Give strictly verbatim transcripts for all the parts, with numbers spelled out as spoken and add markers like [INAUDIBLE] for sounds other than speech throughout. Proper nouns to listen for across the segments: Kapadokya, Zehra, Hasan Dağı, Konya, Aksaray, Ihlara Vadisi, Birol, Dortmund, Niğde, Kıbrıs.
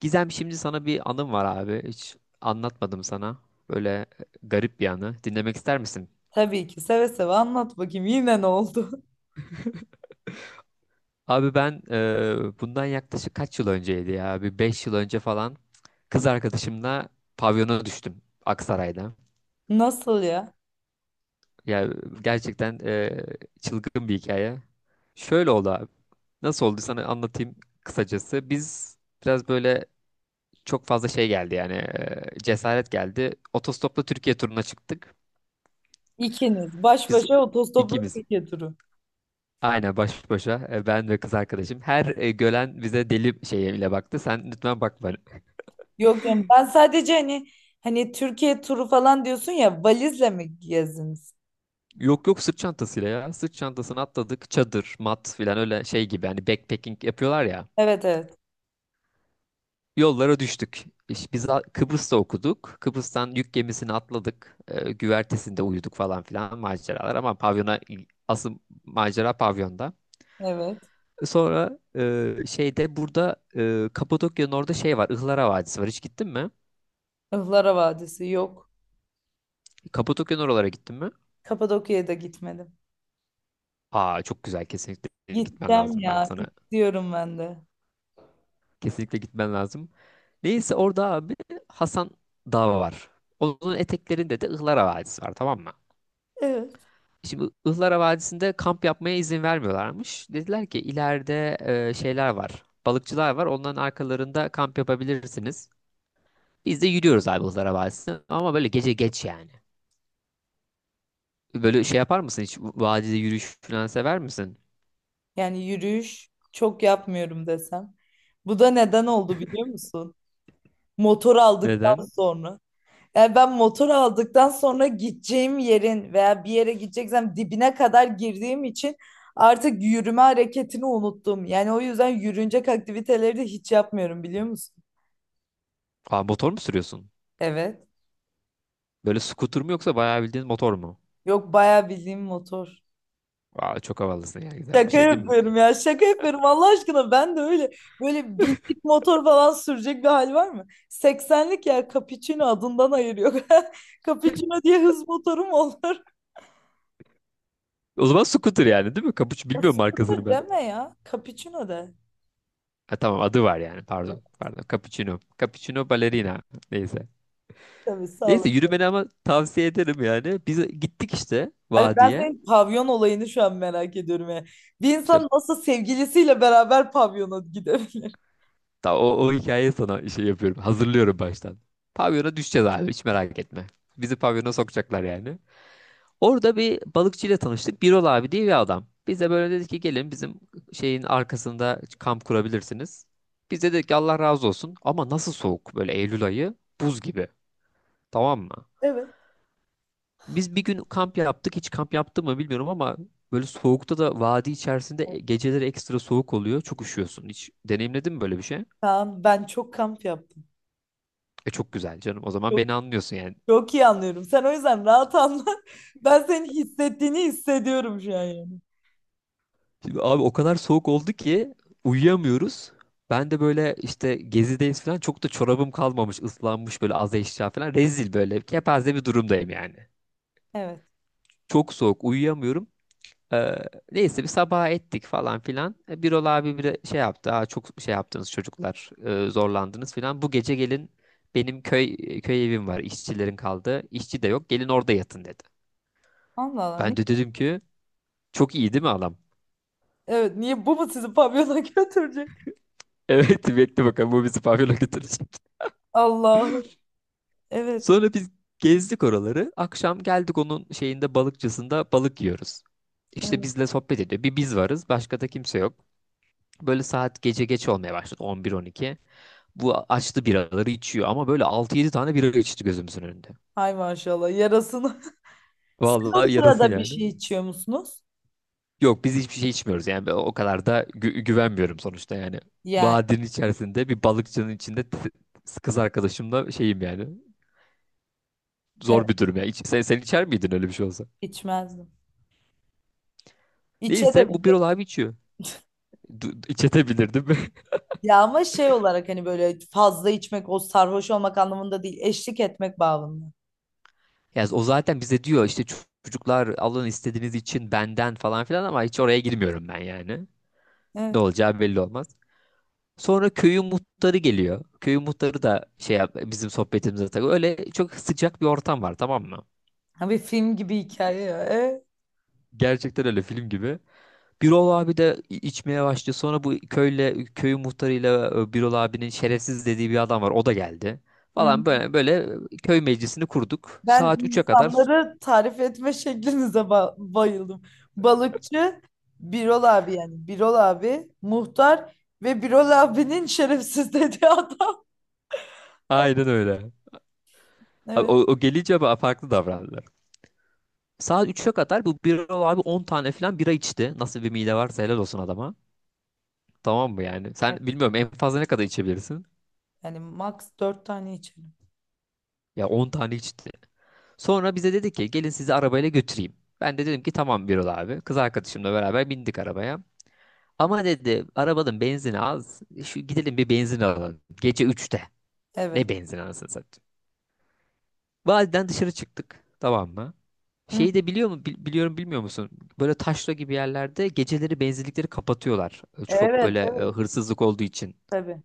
Gizem şimdi sana bir anım var abi. Hiç anlatmadım sana. Böyle e, garip bir anı. Dinlemek ister misin? Tabii ki seve seve anlat bakayım yine ne oldu? Abi ben e, bundan yaklaşık kaç yıl önceydi ya? Bir beş yıl önce falan kız arkadaşımla pavyona düştüm Aksaray'da. [LAUGHS] Nasıl ya? Ya gerçekten e, çılgın bir hikaye. Şöyle oldu abi. Nasıl oldu sana anlatayım kısacası. Biz biraz böyle çok fazla şey geldi yani e, cesaret geldi. Otostopla Türkiye turuna çıktık. İkiniz baş Biz başa otostopla ikimiz. Türkiye turu. Aynen baş başa e, ben ve kız arkadaşım. Her e, gören bize deli şeyiyle baktı. Sen lütfen bakma. Yok canım ben sadece hani hani Türkiye turu falan diyorsun ya valizle mi gezdiniz? Yok yok, sırt çantasıyla ya. Sırt çantasını atladık. Çadır, mat filan öyle şey gibi. Hani backpacking yapıyorlar ya. Evet evet Yollara düştük. İşte biz a- Kıbrıs'ta okuduk. Kıbrıs'tan yük gemisini atladık. E, güvertesinde uyuduk falan filan maceralar. Ama pavyona asıl macera pavyonda. evet. Sonra e, şeyde burada e, Kapadokya'nın orada şey var. Ihlara Vadisi var. Hiç gittin mi? Ihlara Vadisi yok. Kapadokya'nın oralara gittin mi? Kapadokya'ya da gitmedim. Aa, çok güzel, kesinlikle gitmen Gideceğim lazım. Ben ya sana gidiyorum ben de. kesinlikle gitmen lazım. Neyse orada abi Hasan Dağı var. Onun eteklerinde de Ihlara Vadisi var, tamam mı? Evet. Şimdi Ihlara Vadisi'nde kamp yapmaya izin vermiyorlarmış. Dediler ki ileride e, şeyler var. Balıkçılar var. Onların arkalarında kamp yapabilirsiniz. Biz de yürüyoruz abi Ihlara Vadisi'ne. Ama böyle gece geç yani. Böyle şey yapar mısın hiç? Vadide yürüyüş falan sever misin? Yani yürüyüş çok yapmıyorum desem. Bu da neden oldu biliyor musun? Motor aldıktan Neden? sonra. Yani ben motor aldıktan sonra gideceğim yerin veya bir yere gideceksem dibine kadar girdiğim için artık yürüme hareketini unuttum. Yani o yüzden yürünecek aktiviteleri de hiç yapmıyorum biliyor musun? Aa, motor mu sürüyorsun? Evet. Böyle scooter mu yoksa bayağı bildiğin motor mu? Yok bayağı bildiğim motor. Aa, çok havalısın ya, güzel bir Şaka şey değil mi? yapıyorum ya şaka yapıyorum Allah aşkına ben de öyle böyle binlik motor falan sürecek bir hal var mı? seksenlik ya Capuchino adından ayırıyor. [LAUGHS] Capuchino diye hız motorum olur. [LAUGHS] O zaman scooter yani değil mi? Cappuccino, E, bilmiyorum scooter markasını ben. deme ya Capuchino de. Ha, tamam adı var yani, pardon. Pardon Cappuccino. Cappuccino Ballerina. Neyse. Tabii sağ ol. Neyse yürümeni ama tavsiye ederim yani. Biz gittik işte Abi ben vadiye. senin pavyon olayını şu an merak ediyorum ya. Bir İşte insan nasıl sevgilisiyle beraber pavyona gidebilir? [LAUGHS] ta- o, o hikayeyi sana şey yapıyorum. Hazırlıyorum baştan. Pavyona düşeceğiz abi, hiç merak etme. Bizi pavyona sokacaklar yani. Orada bir balıkçıyla tanıştık. Birol abi diye bir adam. Bize böyle dedi ki gelin bizim şeyin arkasında kamp kurabilirsiniz. Biz de dedik ki Allah razı olsun, ama nasıl soğuk, böyle Eylül ayı, buz gibi, tamam mı? Evet. Biz bir gün kamp yaptık, hiç kamp yaptı mı bilmiyorum, ama böyle soğukta da vadi içerisinde e, geceleri ekstra soğuk oluyor, çok üşüyorsun. Hiç deneyimledin mi böyle bir şey? Kaan, ben çok kamp yaptım. E, çok güzel canım, o zaman Çok, beni anlıyorsun yani. çok iyi anlıyorum. Sen o yüzden rahat anla. [LAUGHS] Ben senin hissettiğini hissediyorum şu an yani. Şimdi abi o kadar soğuk oldu ki uyuyamıyoruz. Ben de böyle işte gezideyiz falan, çok da çorabım kalmamış, ıslanmış, böyle az eşya falan, rezil, böyle kepaze bir durumdayım yani. Evet. Çok soğuk uyuyamıyorum. Ee, neyse bir sabaha ettik falan filan. E, Birol abi bir şey yaptı. Aa, çok şey yaptınız çocuklar, e, zorlandınız filan. Bu gece gelin, benim köy köy evim var, işçilerin kaldığı. İşçi de yok, gelin orada yatın dedi. Allah Allah. Ben de Ni- dedim ki çok iyi değil mi adam? evet niye bu mu sizi pavyona [LAUGHS] götürecek? [LAUGHS] Evet, bekle bakalım bu bizi pavyona götürecek. Allah'ım. Evet. Sonra biz gezdik oraları. Akşam geldik onun şeyinde, balıkçısında balık yiyoruz. İşte Evet. bizle sohbet ediyor. Bir biz varız. Başka da kimse yok. Böyle saat gece geç olmaya başladı. on bir on iki. Bu açtı biraları içiyor. Ama böyle altı yedi tane bira içti gözümüzün önünde. Hay maşallah yarasını. [LAUGHS] Siz o Vallahi yarasın sırada bir yani. şey içiyor musunuz? Yok, biz hiçbir şey içmiyoruz. Yani ben o kadar da gü- güvenmiyorum sonuçta yani. Yani Vadinin içerisinde bir balıkçının içinde t- kız arkadaşımla şeyim yani. evet Zor bir durum ya. İç- sen, sen içer miydin öyle bir şey olsa? içmezdim. Neyse İçerim. bu bir abi içiyor. Du- İçetebilirdim. [LAUGHS] Ya ama şey olarak hani böyle fazla içmek o sarhoş olmak anlamında değil eşlik etmek bağlamında. Yani o zaten bize diyor işte, "Ço- çocuklar alın istediğiniz için benden" falan filan, ama hiç oraya girmiyorum ben yani. Ne Evet. olacağı belli olmaz. Sonra köyün muhtarı geliyor. Köyün muhtarı da şey yap- bizim sohbetimize takıyor. Öyle çok sıcak bir ortam var, tamam mı? Ha bir film gibi hikaye ya. Evet. Gerçekten öyle film gibi. Birol abi de i- içmeye başlıyor. Sonra bu köyle, köyün muhtarıyla, e, Birol abinin şerefsiz dediği bir adam var. O da geldi. Hı. Falan böyle böyle köy meclisini kurduk. Ben Saat üçe kadar. insanları tarif etme [LAUGHS] şeklinize ba- bayıldım. Balıkçı, Birol abi yani. Birol abi, muhtar ve Birol abinin şerefsiz dediği adam. Aynen öyle. [LAUGHS] Abi Evet. O, o gelince ba- farklı davrandılar. Saat üçe kadar bu bira abi on tane falan bira içti. Nasıl bir mide varsa helal olsun adama. Tamam mı yani? Sen Evet. bilmiyorum, en fazla ne kadar içebilirsin? Yani max dört tane içelim. Ya on tane içti. Sonra bize dedi ki gelin sizi arabayla götüreyim. Ben de dedim ki tamam Birol abi. Kız arkadaşımla beraber bindik arabaya. Ama dedi arabanın benzini az, şu gidelim bir benzin alalım. Gece üçte. Ne Evet. benzin anasını satayım. Vadiden dışarı çıktık. Tamam mı? Hı. Şeyi de biliyor mu? Bil- biliyorum, bilmiyor musun? Böyle taşra gibi yerlerde geceleri benzinlikleri kapatıyorlar. E, Çok Evet, böyle e, evet. hırsızlık olduğu için. Tabii.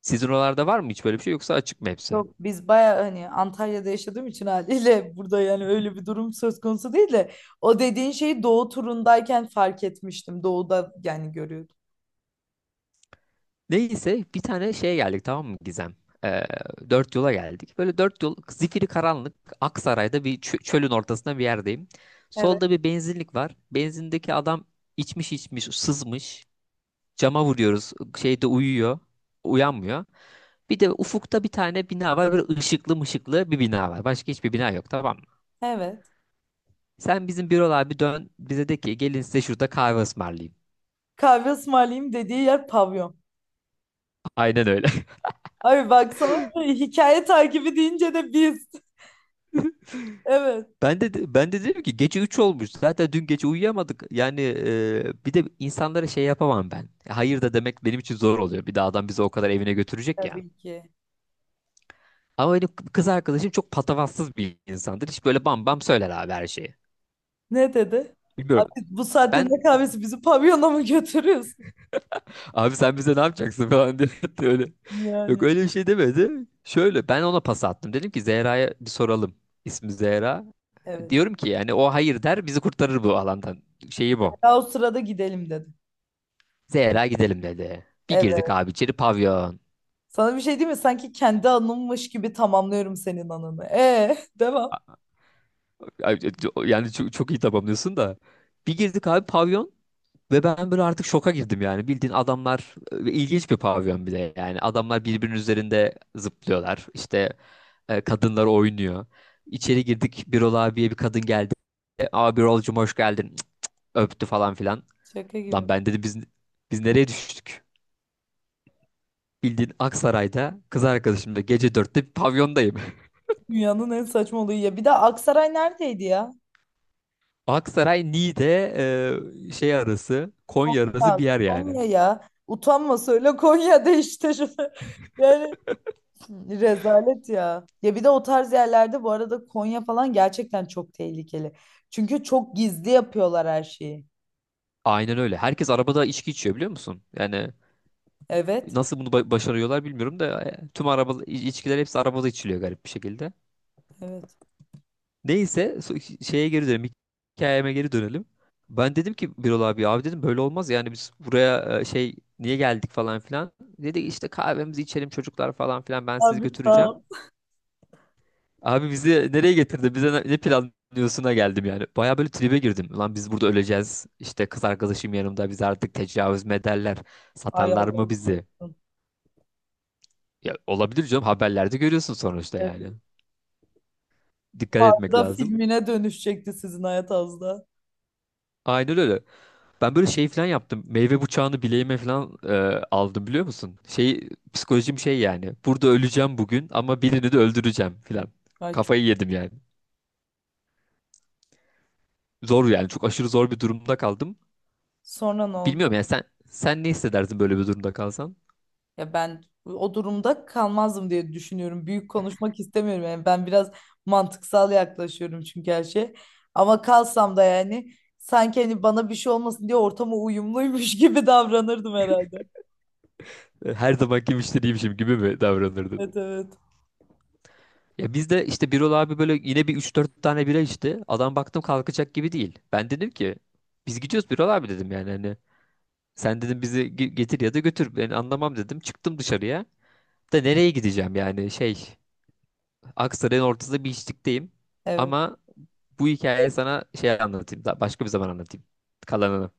Sizin oralarda var mı hiç böyle bir şey, yoksa açık mı hepsi? Yok biz baya hani Antalya'da yaşadığım için haliyle burada yani öyle bir durum söz konusu değil de o dediğin şeyi doğu turundayken fark etmiştim. Doğuda yani görüyordum. Neyse bir tane şeye geldik, tamam mı Gizem? E, Dört yola geldik. Böyle dört yol zifiri karanlık, Aksaray'da bir çö- çölün ortasında bir yerdeyim. Evet. Solda bir benzinlik var. Benzindeki adam içmiş içmiş sızmış. Cama vuruyoruz. Şeyde uyuyor. Uyanmıyor. Bir de ufukta bir tane bina var. Böyle ışıklı mışıklı bir bina var. Başka hiçbir bina yok, tamam mı? Evet. Sen bizim bürolar bir dön bize de ki gelin size şurada kahve ısmarlayayım. Kahve ısmarlayayım dediği yer pavyon. Aynen öyle. [LAUGHS] Abi baksana hikaye takibi deyince de biz. Evet. Ben de ben de dedim ki gece üç olmuş. Zaten dün gece uyuyamadık. Yani e, bir de insanlara şey yapamam ben. Hayır da demek benim için zor oluyor. Bir de adam bizi o kadar evine götürecek ya. Tabii ki. Ama benim kız arkadaşım çok patavatsız bir insandır. Hiç böyle bam bam söyler abi her şeyi. Ne dedi? Abi Bilmiyorum. bu saatte Ben ne kahvesi bizi pavyona mı götürüyorsun? Abi sen bize ne yapacaksın falan diye [LAUGHS] diyor öyle. Yok Yani. öyle bir şey demedi. Şöyle ben ona pas attım. Dedim ki Zehra'ya bir soralım. İsmi Zehra. Evet. Diyorum ki yani o hayır der, bizi kurtarır bu alandan. Şeyi bu. Daha o sırada gidelim dedi. Zehra gidelim dedi. Bir girdik abi içeri, pavyon. Sana bir şey diyeyim mi? Sanki kendi anımmış gibi tamamlıyorum senin anını. E [LAUGHS] devam. Ay, yani çok, çok iyi tamamlıyorsun da. Bir girdik abi pavyon. Ve ben böyle artık şoka girdim yani. Bildiğin adamlar, e, ilginç bir pavyon bir de yani. Adamlar birbirinin üzerinde zıplıyorlar. İşte e, kadınlar oynuyor. İçeri girdik, Birol abiye bir kadın geldi. E, Abi Birol'cum hoş geldin. Cık, öptü falan filan. Şaka Lan gibi. ben dedi biz biz nereye düştük? Bildiğin Aksaray'da kız arkadaşımla gece dörtte bir pavyondayım. Dünyanın en saçma olayı ya. Bir de Aksaray neredeydi ya? [LAUGHS] Aksaray, Niğde e, şey arası, Konya arası Konya. bir yer yani. Konya ya. Utanma söyle Konya'da işte. şu- [LAUGHS] Yani rezalet ya. Ya bir de o tarz yerlerde bu arada Konya falan gerçekten çok tehlikeli. Çünkü çok gizli yapıyorlar her şeyi. Aynen öyle. Herkes arabada içki içiyor biliyor musun? Yani Evet. nasıl bunu ba- başarıyorlar bilmiyorum da e, tüm araba iç- içkiler hepsi arabada içiliyor garip bir şekilde. Evet. Neyse so- şeye geri dönelim. Hikayeme geri dönelim. Ben dedim ki Birol abi, abi dedim, böyle olmaz yani, biz buraya e, şey niye geldik falan filan. Dedi işte kahvemizi içelim çocuklar, falan filan, ben sizi Abi sağ götüreceğim. ol. Abi bizi nereye getirdi? Bize ne, ne planlıyorsun'a geldim yani. Baya böyle tribe girdim. Lan biz burada öleceğiz. İşte kız arkadaşım yanımda, biz artık tecavüz mederler. Ay Satarlar Allah mı bizi? korusun. Ya olabilir canım, haberlerde görüyorsun sonuçta Evet. yani. Dikkat Bu etmek arada lazım. filmine dönüşecekti sizin hayat az da. Aynen öyle. Ben böyle şey falan yaptım. Meyve bıçağını bileğime falan e, aldım biliyor musun? Şey psikolojim şey yani. Burada öleceğim bugün ama birini de öldüreceğim falan. Ay Kafayı yedim yani. Zor yani. Çok aşırı zor bir durumda kaldım. sonra ne oldu? Bilmiyorum yani, sen sen ne hissedersin böyle bir durumda kalsan? Ya ben o durumda kalmazdım diye düşünüyorum. Büyük konuşmak istemiyorum yani. Ben biraz mantıksal yaklaşıyorum çünkü her şey. Ama kalsam da yani sanki hani bana bir şey olmasın diye ortama uyumluymuş [LAUGHS] gibi davranırdım herhalde. E, Her zamanki müşteriymişim gibi mi davranırdın? Evet evet. Ya biz de işte Birol abi böyle yine bir üç dört tane bira içti. Adam baktım kalkacak gibi değil. Ben dedim ki biz gidiyoruz Birol abi, dedim yani, hani sen dedim bizi ge- getir ya da götür. Ben anlamam dedim. Çıktım dışarıya. Da nereye gideceğim yani şey. Aksaray'ın ortasında bir içlikteyim. Evet. Ama bu hikayeyi sana şey anlatayım. Daha başka bir zaman anlatayım. Kalanını.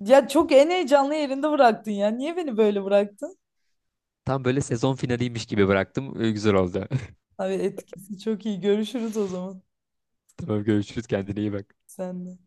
Ya çok en heyecanlı yerinde bıraktın ya. Niye beni böyle bıraktın? Tam böyle sezon finaliymiş gibi bıraktım. Ee, Güzel oldu. Abi etkisi çok iyi. Görüşürüz o zaman. [LAUGHS] Tamam görüşürüz. Kendine iyi bak. Sen de.